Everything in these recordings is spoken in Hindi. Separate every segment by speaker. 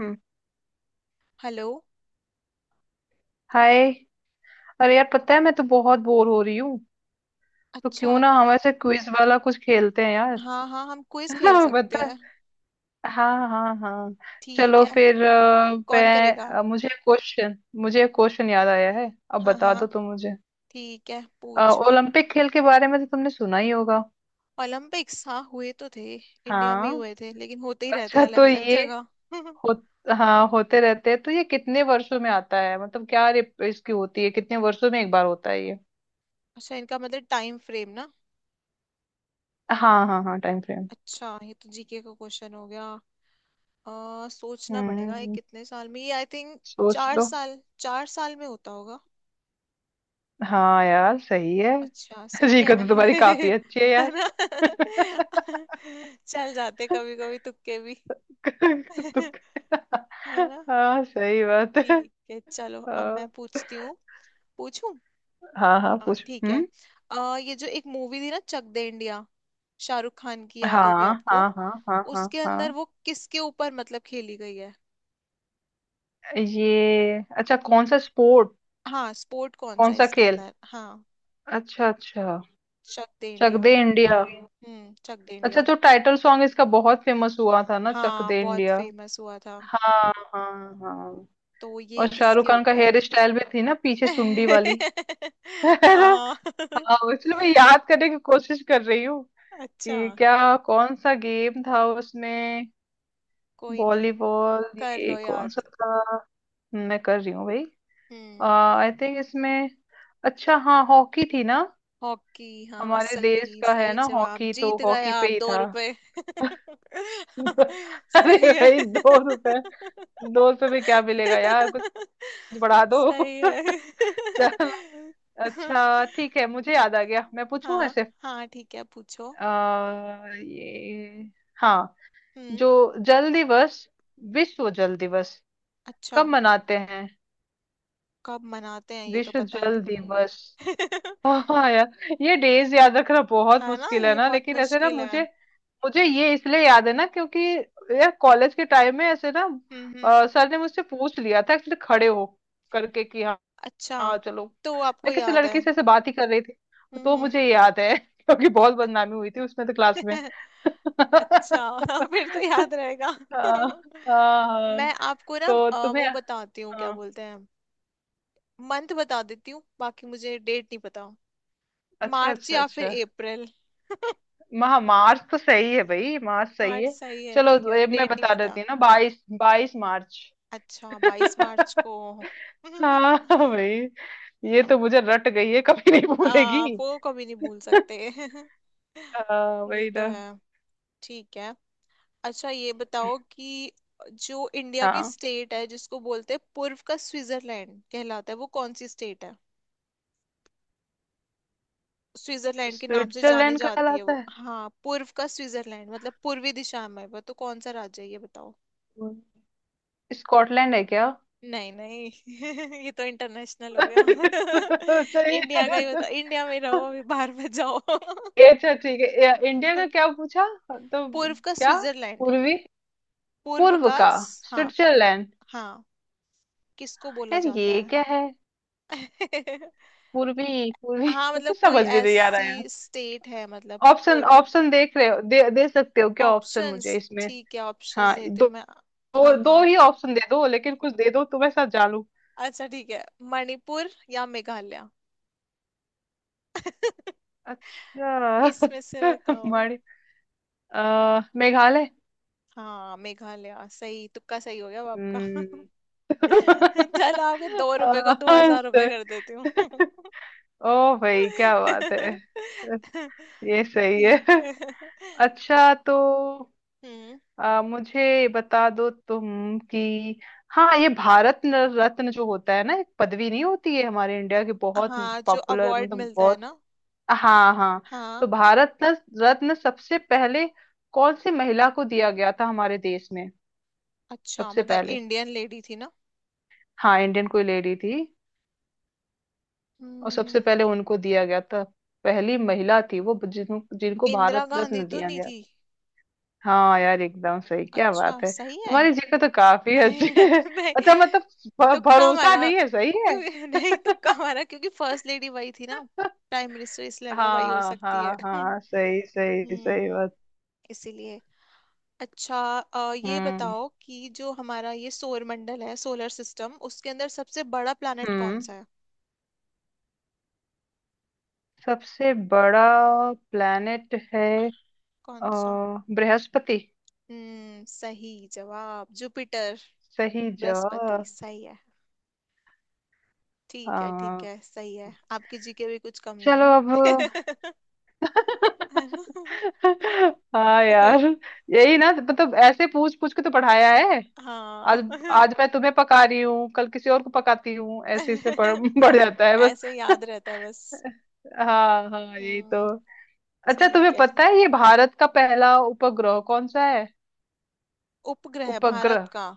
Speaker 1: हम्म,
Speaker 2: हेलो।
Speaker 1: हाय। अरे यार पता है मैं तो बहुत बोर हो रही हूँ। तो
Speaker 2: अच्छा।
Speaker 1: क्यों ना हम ऐसे क्विज वाला कुछ खेलते हैं यार।
Speaker 2: हाँ हाँ हम क्विज खेल सकते
Speaker 1: पता है।
Speaker 2: हैं।
Speaker 1: हाँ हाँ हाँ।
Speaker 2: ठीक
Speaker 1: चलो
Speaker 2: है।
Speaker 1: फिर
Speaker 2: कौन करेगा।
Speaker 1: मुझे एक क्वेश्चन याद आया है, अब
Speaker 2: हाँ
Speaker 1: बता
Speaker 2: हाँ।
Speaker 1: दो तुम मुझे।
Speaker 2: ठीक है
Speaker 1: अ,
Speaker 2: पूछो।
Speaker 1: ओलंपिक खेल के बारे में तो तुमने सुना ही होगा।
Speaker 2: ओलंपिक्स हाँ हुए तो थे इंडिया में ही
Speaker 1: हाँ।
Speaker 2: हुए थे लेकिन होते ही रहते
Speaker 1: अच्छा
Speaker 2: अलग
Speaker 1: तो
Speaker 2: अलग
Speaker 1: ये
Speaker 2: जगह।
Speaker 1: हो, हाँ होते रहते हैं। तो ये कितने वर्षों में आता है, मतलब क्या इसकी होती है, कितने वर्षों में एक बार होता है ये?
Speaker 2: अच्छा इनका मतलब टाइम फ्रेम ना।
Speaker 1: हाँ हाँ हाँ, टाइम फ्रेम।
Speaker 2: अच्छा ये तो जीके का क्वेश्चन हो गया। सोचना पड़ेगा ये
Speaker 1: हम्म,
Speaker 2: कितने साल में ये आई थिंक।
Speaker 1: सोच
Speaker 2: चार
Speaker 1: लो।
Speaker 2: साल 4 साल में होता होगा।
Speaker 1: हाँ यार सही है।
Speaker 2: अच्छा सही
Speaker 1: जीको
Speaker 2: है।
Speaker 1: तो तुम्हारी काफी अच्छी है
Speaker 2: है
Speaker 1: यार।
Speaker 2: ना। चल जाते कभी कभी तुक्के भी।
Speaker 1: तुम।
Speaker 2: है ना।
Speaker 1: हाँ सही बात है।
Speaker 2: ठीक है चलो अब मैं
Speaker 1: हाँ
Speaker 2: पूछती हूँ। पूछूं।
Speaker 1: हाँ हाँ,
Speaker 2: हाँ
Speaker 1: पूछो।
Speaker 2: ठीक है।
Speaker 1: हम्म।
Speaker 2: ये जो एक मूवी थी ना चक दे इंडिया। शाहरुख खान की याद होगी
Speaker 1: हाँ हाँ
Speaker 2: आपको।
Speaker 1: हाँ हाँ हाँ
Speaker 2: उसके
Speaker 1: हाँ।
Speaker 2: अंदर वो किसके ऊपर मतलब खेली गई है।
Speaker 1: ये अच्छा कौन सा स्पोर्ट?
Speaker 2: हाँ स्पोर्ट कौन सा
Speaker 1: कौन
Speaker 2: है
Speaker 1: सा
Speaker 2: इसके
Speaker 1: खेल?
Speaker 2: अंदर हाँ।
Speaker 1: अच्छा अच्छा।
Speaker 2: चक दे
Speaker 1: चक
Speaker 2: इंडिया।
Speaker 1: दे इंडिया।
Speaker 2: चक दे
Speaker 1: अच्छा
Speaker 2: इंडिया।
Speaker 1: जो टाइटल सॉन्ग इसका बहुत फेमस हुआ था ना, चक
Speaker 2: हाँ
Speaker 1: दे
Speaker 2: बहुत
Speaker 1: इंडिया।
Speaker 2: फेमस हुआ था।
Speaker 1: हाँ हाँ हाँ।
Speaker 2: तो ये
Speaker 1: और शाहरुख
Speaker 2: किसके
Speaker 1: खान का
Speaker 2: ऊपर।
Speaker 1: हेयर स्टाइल भी थी ना, पीछे चुंडी वाली। है ना?
Speaker 2: हाँ
Speaker 1: हाँ इसलिए मैं याद करने की कोशिश कर रही हूँ
Speaker 2: अच्छा
Speaker 1: कि क्या कौन सा गेम था उसमें।
Speaker 2: कोई नहीं।
Speaker 1: वॉलीबॉल,
Speaker 2: कर
Speaker 1: ये
Speaker 2: लो
Speaker 1: कौन सा
Speaker 2: याद।
Speaker 1: था? मैं कर रही हूँ भाई।
Speaker 2: हम्म।
Speaker 1: आई थिंक इसमें अच्छा हाँ हॉकी थी ना।
Speaker 2: हॉकी हाँ
Speaker 1: हमारे देश
Speaker 2: सही
Speaker 1: का है
Speaker 2: सही
Speaker 1: ना
Speaker 2: जवाब
Speaker 1: हॉकी, तो
Speaker 2: जीत गए
Speaker 1: हॉकी पे
Speaker 2: आप
Speaker 1: ही
Speaker 2: दो
Speaker 1: था।
Speaker 2: रुपए
Speaker 1: अरे
Speaker 2: सही है।
Speaker 1: भाई 2 रुपए। दो रुपए में क्या मिलेगा यार कुछ, बढ़ा दो।
Speaker 2: सही है।
Speaker 1: चल अच्छा ठीक है मुझे याद आ गया, मैं पूछूं
Speaker 2: हाँ
Speaker 1: ऐसे।
Speaker 2: हाँ ठीक है पूछो।
Speaker 1: ये। हाँ
Speaker 2: हम्म।
Speaker 1: जो जल दिवस, विश्व जल दिवस
Speaker 2: अच्छा
Speaker 1: कब मनाते हैं?
Speaker 2: कब मनाते हैं ये तो
Speaker 1: विश्व
Speaker 2: पता
Speaker 1: जल
Speaker 2: नहीं।
Speaker 1: दिवस। हाँ यार ये डेज याद रखना बहुत
Speaker 2: है ना
Speaker 1: मुश्किल है
Speaker 2: ये
Speaker 1: ना,
Speaker 2: बहुत
Speaker 1: लेकिन ऐसे ना
Speaker 2: मुश्किल है।
Speaker 1: मुझे, मुझे ये इसलिए याद है ना क्योंकि यार कॉलेज के टाइम में ऐसे ना
Speaker 2: हम्म।
Speaker 1: सर ने मुझसे पूछ लिया था एक्चुअली खड़े हो करके कि हाँ।
Speaker 2: अच्छा
Speaker 1: हाँ चलो,
Speaker 2: तो आपको
Speaker 1: मैं किसी
Speaker 2: याद है।
Speaker 1: लड़की से ऐसे बात ही कर रही थी, तो
Speaker 2: हम्म
Speaker 1: मुझे ये याद है। क्योंकि बहुत बदनामी हुई थी उसमें तो
Speaker 2: हम्म।
Speaker 1: क्लास में।
Speaker 2: अच्छा फिर तो
Speaker 1: हाँ
Speaker 2: याद रहेगा।
Speaker 1: हाँ हाँ।
Speaker 2: मैं आपको ना
Speaker 1: तो तुम्हें,
Speaker 2: वो बताती हूँ क्या
Speaker 1: हाँ।
Speaker 2: बोलते हैं। मंथ बता देती हूँ बाकी मुझे डेट नहीं पता।
Speaker 1: अच्छा
Speaker 2: मार्च
Speaker 1: अच्छा
Speaker 2: या
Speaker 1: अच्छा।
Speaker 2: फिर अप्रैल।
Speaker 1: महा मार्च तो सही है भाई, मार्च सही
Speaker 2: मार्च
Speaker 1: है।
Speaker 2: सही है
Speaker 1: चलो
Speaker 2: ठीक है
Speaker 1: तो
Speaker 2: अभी
Speaker 1: ये मैं
Speaker 2: डेट नहीं
Speaker 1: बता
Speaker 2: पता।
Speaker 1: देती हूँ ना, बाईस बाईस मार्च।
Speaker 2: अच्छा बाईस मार्च को।
Speaker 1: हाँ भाई, ये तो मुझे रट गई है कभी नहीं भूलेगी।
Speaker 2: आप वो कभी नहीं भूल सकते।
Speaker 1: हाँ
Speaker 2: ये
Speaker 1: वही
Speaker 2: तो
Speaker 1: ना।
Speaker 2: है। ठीक है। अच्छा ये बताओ कि जो इंडिया की
Speaker 1: हाँ
Speaker 2: स्टेट है जिसको बोलते हैं पूर्व का स्विट्जरलैंड कहलाता है वो कौन सी स्टेट है। स्विट्जरलैंड के नाम से जानी
Speaker 1: स्विट्जरलैंड
Speaker 2: जाती है
Speaker 1: कहलाता
Speaker 2: वो
Speaker 1: है।
Speaker 2: हाँ पूर्व का स्विट्जरलैंड मतलब पूर्वी दिशा में वो तो कौन सा राज्य है ये बताओ।
Speaker 1: हम्म, स्कॉटलैंड है क्या?
Speaker 2: नहीं नहीं। ये तो इंटरनेशनल हो गया।
Speaker 1: अच्छा।
Speaker 2: इंडिया का ही बताओ इंडिया में रहो अभी बाहर मत जाओ।
Speaker 1: अच्छा ठीक है, इंडिया का क्या पूछा तो?
Speaker 2: पूर्व का
Speaker 1: क्या
Speaker 2: स्विट्जरलैंड।
Speaker 1: पूर्वी
Speaker 2: पूर्व
Speaker 1: पूर्व
Speaker 2: का
Speaker 1: का
Speaker 2: हाँ।
Speaker 1: स्विट्जरलैंड?
Speaker 2: हाँ किसको बोला
Speaker 1: यार
Speaker 2: जाता
Speaker 1: ये क्या है?
Speaker 2: है।
Speaker 1: पूर्वी पूर्वी,
Speaker 2: हाँ मतलब
Speaker 1: मतलब
Speaker 2: कोई
Speaker 1: समझ भी नहीं आ रहा है।
Speaker 2: ऐसी स्टेट है मतलब।
Speaker 1: ऑप्शन
Speaker 2: पूर्व।
Speaker 1: ऑप्शन देख रहे हो, दे सकते हो क्या ऑप्शन
Speaker 2: ऑप्शंस
Speaker 1: मुझे इसमें?
Speaker 2: ठीक है ऑप्शंस
Speaker 1: हाँ
Speaker 2: देती
Speaker 1: दो
Speaker 2: हूँ मैं। हाँ
Speaker 1: दो, दो
Speaker 2: हाँ
Speaker 1: ही ऑप्शन दे दो, लेकिन कुछ दे दो तो मैं सब जान लूं।
Speaker 2: अच्छा ठीक है। मणिपुर या मेघालय।
Speaker 1: अच्छा।
Speaker 2: इसमें से बताओ।
Speaker 1: मणि मेघालय।
Speaker 2: हाँ मेघालय सही तुक्का सही हो गया अब आपका।
Speaker 1: हम्म।
Speaker 2: चलो आपके 2 रुपए को दो
Speaker 1: हाँ,
Speaker 2: हजार रुपए
Speaker 1: सही।
Speaker 2: कर देती हूँ।
Speaker 1: ओ भाई क्या बात है, ये सही है।
Speaker 2: ठीक है।
Speaker 1: अच्छा तो
Speaker 2: हम्म।
Speaker 1: मुझे बता दो तुम कि हाँ ये भारत रत्न जो होता है ना, एक पदवी नहीं होती है हमारे इंडिया की, बहुत
Speaker 2: हाँ जो
Speaker 1: पॉपुलर
Speaker 2: अवार्ड
Speaker 1: मतलब
Speaker 2: मिलता है
Speaker 1: बहुत।
Speaker 2: ना।
Speaker 1: हाँ हाँ।
Speaker 2: हाँ।
Speaker 1: तो भारत रत्न सबसे पहले कौन सी महिला को दिया गया था हमारे देश में?
Speaker 2: अच्छा
Speaker 1: सबसे
Speaker 2: मतलब
Speaker 1: पहले?
Speaker 2: इंडियन लेडी थी ना।
Speaker 1: हाँ इंडियन कोई लेडी थी, और सबसे
Speaker 2: हम्म।
Speaker 1: पहले उनको दिया गया था, पहली महिला थी वो जिनको
Speaker 2: इंदिरा
Speaker 1: भारत
Speaker 2: गांधी
Speaker 1: रत्न
Speaker 2: तो
Speaker 1: दिया
Speaker 2: नहीं
Speaker 1: गया
Speaker 2: थी।
Speaker 1: था। हाँ यार एकदम सही, क्या
Speaker 2: अच्छा
Speaker 1: बात है,
Speaker 2: सही है।
Speaker 1: तुम्हारी जगह तो काफी अच्छी
Speaker 2: नहीं
Speaker 1: है।
Speaker 2: नहीं
Speaker 1: अच्छा मतलब
Speaker 2: तुक्का
Speaker 1: भरोसा
Speaker 2: मारा।
Speaker 1: नहीं है सही है।
Speaker 2: क्यों नहीं तुक्का मारा क्योंकि फर्स्ट लेडी वही थी ना प्राइम मिनिस्टर इसलिए लगा वही हो
Speaker 1: हाँ
Speaker 2: सकती है।
Speaker 1: हाँ हाँ, सही सही सही
Speaker 2: हम्म।
Speaker 1: बात।
Speaker 2: इसीलिए। अच्छा ये
Speaker 1: हम्म
Speaker 2: बताओ कि जो हमारा ये सौरमंडल है सोलर सिस्टम उसके अंदर सबसे बड़ा प्लैनेट कौन
Speaker 1: हम्म।
Speaker 2: सा है।
Speaker 1: सबसे बड़ा प्लेनेट है अ,
Speaker 2: कौन सा।
Speaker 1: बृहस्पति।
Speaker 2: सही जवाब जुपिटर।
Speaker 1: सही
Speaker 2: बृहस्पति
Speaker 1: जवाब।
Speaker 2: सही है। ठीक है ठीक
Speaker 1: हाँ
Speaker 2: है सही है आपकी जीके भी कुछ कम नहीं
Speaker 1: चलो अब।
Speaker 2: है। है ना?
Speaker 1: हाँ यार, यही ना, मतलब ऐसे पूछ पूछ के तो पढ़ाया है।
Speaker 2: हाँ
Speaker 1: आज, आज मैं तुम्हें पका रही हूँ, कल किसी और को पकाती हूँ, ऐसे इससे बढ़ जाता है
Speaker 2: ऐसे
Speaker 1: बस।
Speaker 2: याद रहता है बस।
Speaker 1: हाँ हाँ यही तो।
Speaker 2: हम्म।
Speaker 1: अच्छा
Speaker 2: ठीक
Speaker 1: तुम्हें
Speaker 2: है
Speaker 1: पता
Speaker 2: ठीक।
Speaker 1: है ये भारत का पहला उपग्रह कौन सा है?
Speaker 2: उपग्रह भारत
Speaker 1: उपग्रह,
Speaker 2: का।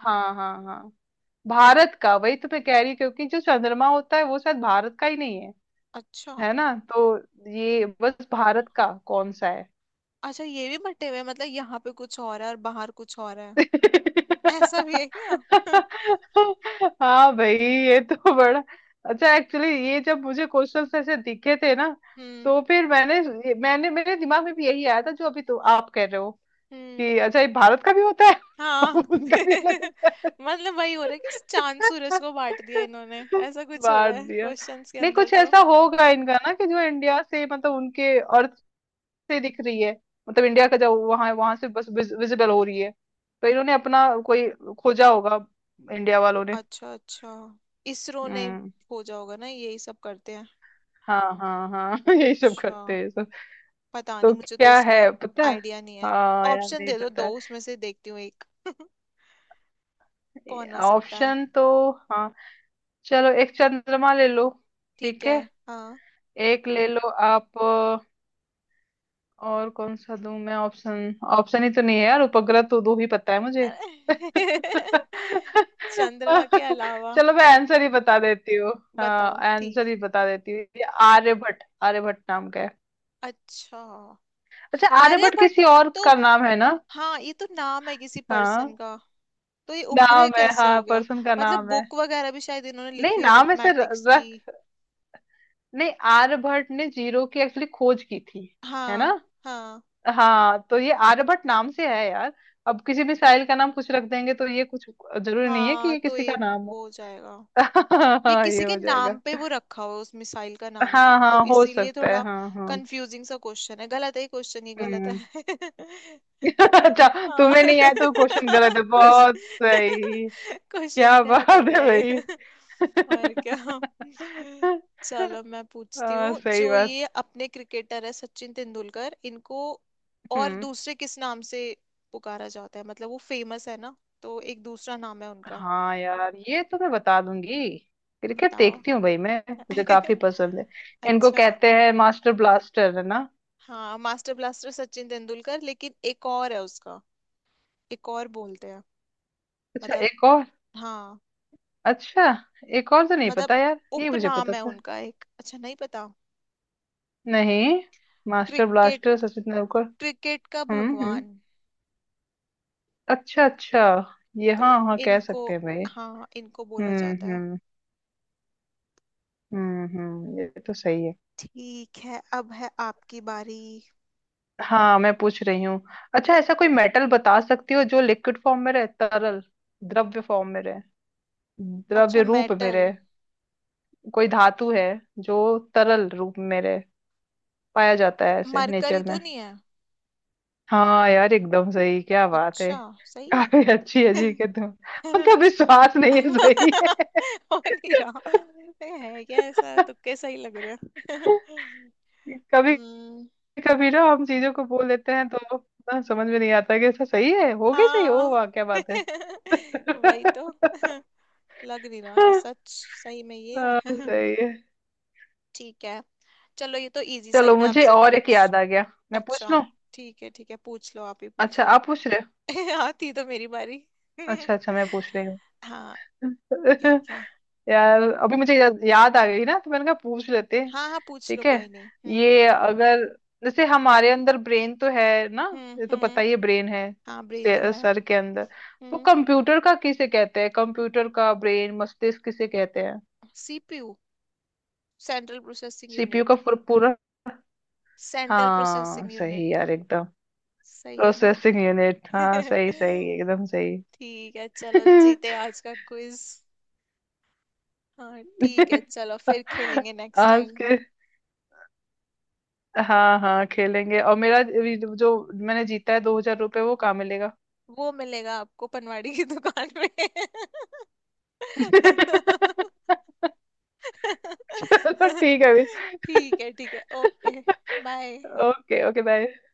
Speaker 1: हाँ हाँ हाँ। भारत का, वही तो मैं कह रही हूँ, क्योंकि जो चंद्रमा होता है वो शायद भारत का ही नहीं है,
Speaker 2: अच्छा
Speaker 1: है ना। तो ये बस भारत का कौन सा है?
Speaker 2: अच्छा ये भी बटे हुए हैं, मतलब यहाँ पे कुछ और है और बाहर कुछ और है। ऐसा भी है क्या हम्म।
Speaker 1: हाँ भाई ये तो बड़ा अच्छा। एक्चुअली ये जब मुझे क्वेश्चंस ऐसे दिखे थे ना, तो फिर मैंने मैंने मेरे दिमाग में भी यही आया था जो अभी तो आप कह रहे हो
Speaker 2: हम्म
Speaker 1: कि अच्छा ये भारत का भी होता है।
Speaker 2: हाँ
Speaker 1: उसका भी अलग होता
Speaker 2: मतलब वही हो रहा है कि चांद सूरज
Speaker 1: है।
Speaker 2: को बांट दिया इन्होंने। ऐसा कुछ हो रहा
Speaker 1: बांट
Speaker 2: है
Speaker 1: दिया।
Speaker 2: क्वेश्चंस के
Speaker 1: नहीं
Speaker 2: अंदर
Speaker 1: कुछ
Speaker 2: तो।
Speaker 1: ऐसा होगा इनका ना कि जो इंडिया से मतलब उनके और से दिख रही है, मतलब इंडिया
Speaker 2: हम्म।
Speaker 1: का जो वहां वहां से बस विजिबल हो रही है, तो इन्होंने अपना कोई खोजा होगा, इंडिया वालों ने।
Speaker 2: अच्छा अच्छा इसरो ने
Speaker 1: हम्म।
Speaker 2: खोजा होगा ना यही सब करते हैं।
Speaker 1: हाँ हाँ हाँ, यही सब
Speaker 2: अच्छा
Speaker 1: करते हैं सब।
Speaker 2: पता नहीं
Speaker 1: तो
Speaker 2: मुझे तो
Speaker 1: क्या
Speaker 2: इसका
Speaker 1: है पता है।
Speaker 2: आइडिया नहीं है।
Speaker 1: हाँ यार
Speaker 2: ऑप्शन
Speaker 1: नहीं
Speaker 2: दे दो दो
Speaker 1: पता।
Speaker 2: उसमें से देखती हूँ एक।
Speaker 1: है
Speaker 2: कौन हो सकता है।
Speaker 1: ऑप्शन तो। हाँ चलो एक चंद्रमा ले लो।
Speaker 2: ठीक
Speaker 1: ठीक
Speaker 2: है।
Speaker 1: है
Speaker 2: हाँ।
Speaker 1: एक ले लो आप। और कौन सा दूं मैं ऑप्शन, ऑप्शन ही तो नहीं है यार, उपग्रह तो दो ही पता है मुझे।
Speaker 2: अरे चंद्रमा के अलावा।
Speaker 1: चलो मैं आंसर ही बता देती हूँ। हाँ
Speaker 2: बताओ ठीक
Speaker 1: आंसर
Speaker 2: है।
Speaker 1: ही बता देती हूँ, ये आर्यभट्ट, आर्यभट्ट नाम का है।
Speaker 2: अच्छा
Speaker 1: अच्छा आर्यभट्ट
Speaker 2: आर्यभट्ट
Speaker 1: किसी और
Speaker 2: तो
Speaker 1: का नाम है ना।
Speaker 2: हाँ ये तो नाम है किसी
Speaker 1: हाँ
Speaker 2: पर्सन का। तो ये उपग्रह
Speaker 1: नाम है,
Speaker 2: कैसे
Speaker 1: हाँ
Speaker 2: हो गया।
Speaker 1: पर्सन का
Speaker 2: मतलब
Speaker 1: नाम है।
Speaker 2: बुक वगैरह भी शायद इन्होंने
Speaker 1: नहीं
Speaker 2: लिखी हुई है
Speaker 1: नाम ऐसे
Speaker 2: मैथमेटिक्स की।
Speaker 1: रख, नहीं आर्यभट्ट ने जीरो की एक्चुअली खोज की थी, है ना।
Speaker 2: हाँ हाँ
Speaker 1: हाँ तो ये आर्यभट्ट नाम से है यार, अब किसी भी साहिल का नाम कुछ रख देंगे तो ये कुछ, जरूरी नहीं है कि
Speaker 2: हाँ
Speaker 1: ये
Speaker 2: तो
Speaker 1: किसी का
Speaker 2: ये
Speaker 1: नाम हो।
Speaker 2: वो हो जाएगा। ये
Speaker 1: हाँ ये
Speaker 2: किसी के
Speaker 1: हो
Speaker 2: नाम
Speaker 1: जाएगा।
Speaker 2: पे वो रखा हुआ है उस मिसाइल का नाम ना
Speaker 1: हाँ
Speaker 2: तो
Speaker 1: हाँ हो
Speaker 2: इसीलिए
Speaker 1: सकता है,
Speaker 2: थोड़ा
Speaker 1: हाँ हाँ।
Speaker 2: कंफ्यूजिंग सा क्वेश्चन है गलत है ये क्वेश्चन ही गलत
Speaker 1: हम्म।
Speaker 2: है।
Speaker 1: अच्छा
Speaker 2: हाँ
Speaker 1: तुम्हें नहीं आया तो क्वेश्चन गलत है, बहुत
Speaker 2: क्वेश्चन
Speaker 1: सही।
Speaker 2: क्वेश्चन
Speaker 1: क्या बात
Speaker 2: गलत हो
Speaker 1: है
Speaker 2: गया ये।
Speaker 1: भाई।
Speaker 2: और क्या। चलो मैं पूछती
Speaker 1: हाँ
Speaker 2: हूँ
Speaker 1: सही
Speaker 2: जो
Speaker 1: बात।
Speaker 2: ये अपने क्रिकेटर है सचिन तेंदुलकर इनको और
Speaker 1: हम्म।
Speaker 2: दूसरे किस नाम से पुकारा जाता है मतलब वो फेमस है ना। तो एक दूसरा नाम है उनका।
Speaker 1: हाँ यार ये तो मैं बता दूंगी, क्रिकेट
Speaker 2: बताओ।
Speaker 1: देखती हूँ भाई मैं, मुझे काफी पसंद है। इनको
Speaker 2: अच्छा।
Speaker 1: कहते हैं मास्टर ब्लास्टर, है ना।
Speaker 2: हाँ मास्टर ब्लास्टर सचिन तेंदुलकर लेकिन एक और है उसका। एक और बोलते हैं।
Speaker 1: अच्छा
Speaker 2: मतलब।
Speaker 1: एक और,
Speaker 2: हाँ
Speaker 1: अच्छा एक और तो नहीं
Speaker 2: मतलब
Speaker 1: पता यार, ये मुझे
Speaker 2: उपनाम
Speaker 1: पता
Speaker 2: है
Speaker 1: था
Speaker 2: उनका एक अच्छा नहीं पता।
Speaker 1: नहीं, master
Speaker 2: cricket
Speaker 1: blaster Sachin Tendulkar.
Speaker 2: Cricket का
Speaker 1: हम्म।
Speaker 2: भगवान।
Speaker 1: अच्छा अच्छा, ये
Speaker 2: तो
Speaker 1: हाँ हाँ कह
Speaker 2: इनको।
Speaker 1: सकते हैं भाई।
Speaker 2: हाँ इनको बोला जाता है।
Speaker 1: हम्म। हम्म, ये तो सही है।
Speaker 2: ठीक है अब है आपकी बारी।
Speaker 1: हाँ मैं पूछ रही हूँ। अच्छा ऐसा कोई मेटल बता सकती हो जो लिक्विड फॉर्म में रहे, तरल द्रव्य फॉर्म में रहे,
Speaker 2: अच्छा
Speaker 1: द्रव्य रूप में
Speaker 2: मेटल।
Speaker 1: रहे? कोई धातु है जो तरल रूप में रहे, पाया जाता है ऐसे
Speaker 2: मरकरी
Speaker 1: नेचर
Speaker 2: तो
Speaker 1: में?
Speaker 2: नहीं है।
Speaker 1: हाँ यार एकदम सही, क्या बात है,
Speaker 2: अच्छा सही है।
Speaker 1: काफी अच्छी है जी के तुम। मतलब विश्वास नहीं है सही है।
Speaker 2: हो नहीं रहा है क्या ऐसा तुक्के सही लग रहे हैं।
Speaker 1: कभी
Speaker 2: हम्म,
Speaker 1: कभी ना हम चीजों को बोल देते हैं तो ना, समझ में नहीं आता कि ऐसा सही है हो गई, सही हो
Speaker 2: हाँ
Speaker 1: वाह क्या बात है।
Speaker 2: वही तो लग नहीं रहा कि सच सही में ये
Speaker 1: हाँ,
Speaker 2: है।
Speaker 1: सही है।
Speaker 2: ठीक है। चलो ये तो इजी सा ही
Speaker 1: चलो
Speaker 2: मैं
Speaker 1: मुझे
Speaker 2: आपसे
Speaker 1: और एक
Speaker 2: पूछ।
Speaker 1: याद आ गया, मैं पूछ
Speaker 2: अच्छा
Speaker 1: लूं।
Speaker 2: ठीक है पूछ लो आप ही पूछ
Speaker 1: अच्छा
Speaker 2: लो।
Speaker 1: आप पूछ रहे हो।
Speaker 2: हाँ थी तो मेरी बारी।
Speaker 1: अच्छा अच्छा मैं पूछ रही
Speaker 2: हाँ
Speaker 1: हूँ।
Speaker 2: ठीक है।
Speaker 1: यार अभी मुझे याद आ गई ना, तो मैंने कहा पूछ लेते हैं।
Speaker 2: हाँ हाँ पूछ लो
Speaker 1: ठीक है।
Speaker 2: कोई नहीं।
Speaker 1: ये अगर जैसे हमारे अंदर ब्रेन तो है ना, ये तो पता
Speaker 2: हम्म।
Speaker 1: ही है ब्रेन है
Speaker 2: हाँ ब्रेन तो है।
Speaker 1: सर के अंदर, तो
Speaker 2: हम्म।
Speaker 1: कंप्यूटर का किसे कहते हैं, कंप्यूटर का ब्रेन, मस्तिष्क किसे कहते हैं?
Speaker 2: सीपीयू। सेंट्रल प्रोसेसिंग
Speaker 1: सीपीयू का
Speaker 2: यूनिट।
Speaker 1: पूरा?
Speaker 2: सेंट्रल
Speaker 1: हाँ
Speaker 2: प्रोसेसिंग
Speaker 1: सही
Speaker 2: यूनिट।
Speaker 1: यार एकदम,
Speaker 2: सही है ना।
Speaker 1: प्रोसेसिंग यूनिट, हाँ सही सही एकदम सही।
Speaker 2: ठीक है चलो जीते आज का क्विज। हाँ ठीक है चलो फिर खेलेंगे नेक्स्ट
Speaker 1: आज
Speaker 2: टाइम।
Speaker 1: के। हाँ हाँ खेलेंगे, और मेरा अभी जो मैंने जीता है 2000 रुपये वो कहाँ मिलेगा?
Speaker 2: वो मिलेगा आपको पनवाड़ी की दुकान में।
Speaker 1: चलो ठीक है अभी।
Speaker 2: ठीक है okay bye.
Speaker 1: Okay okay bye.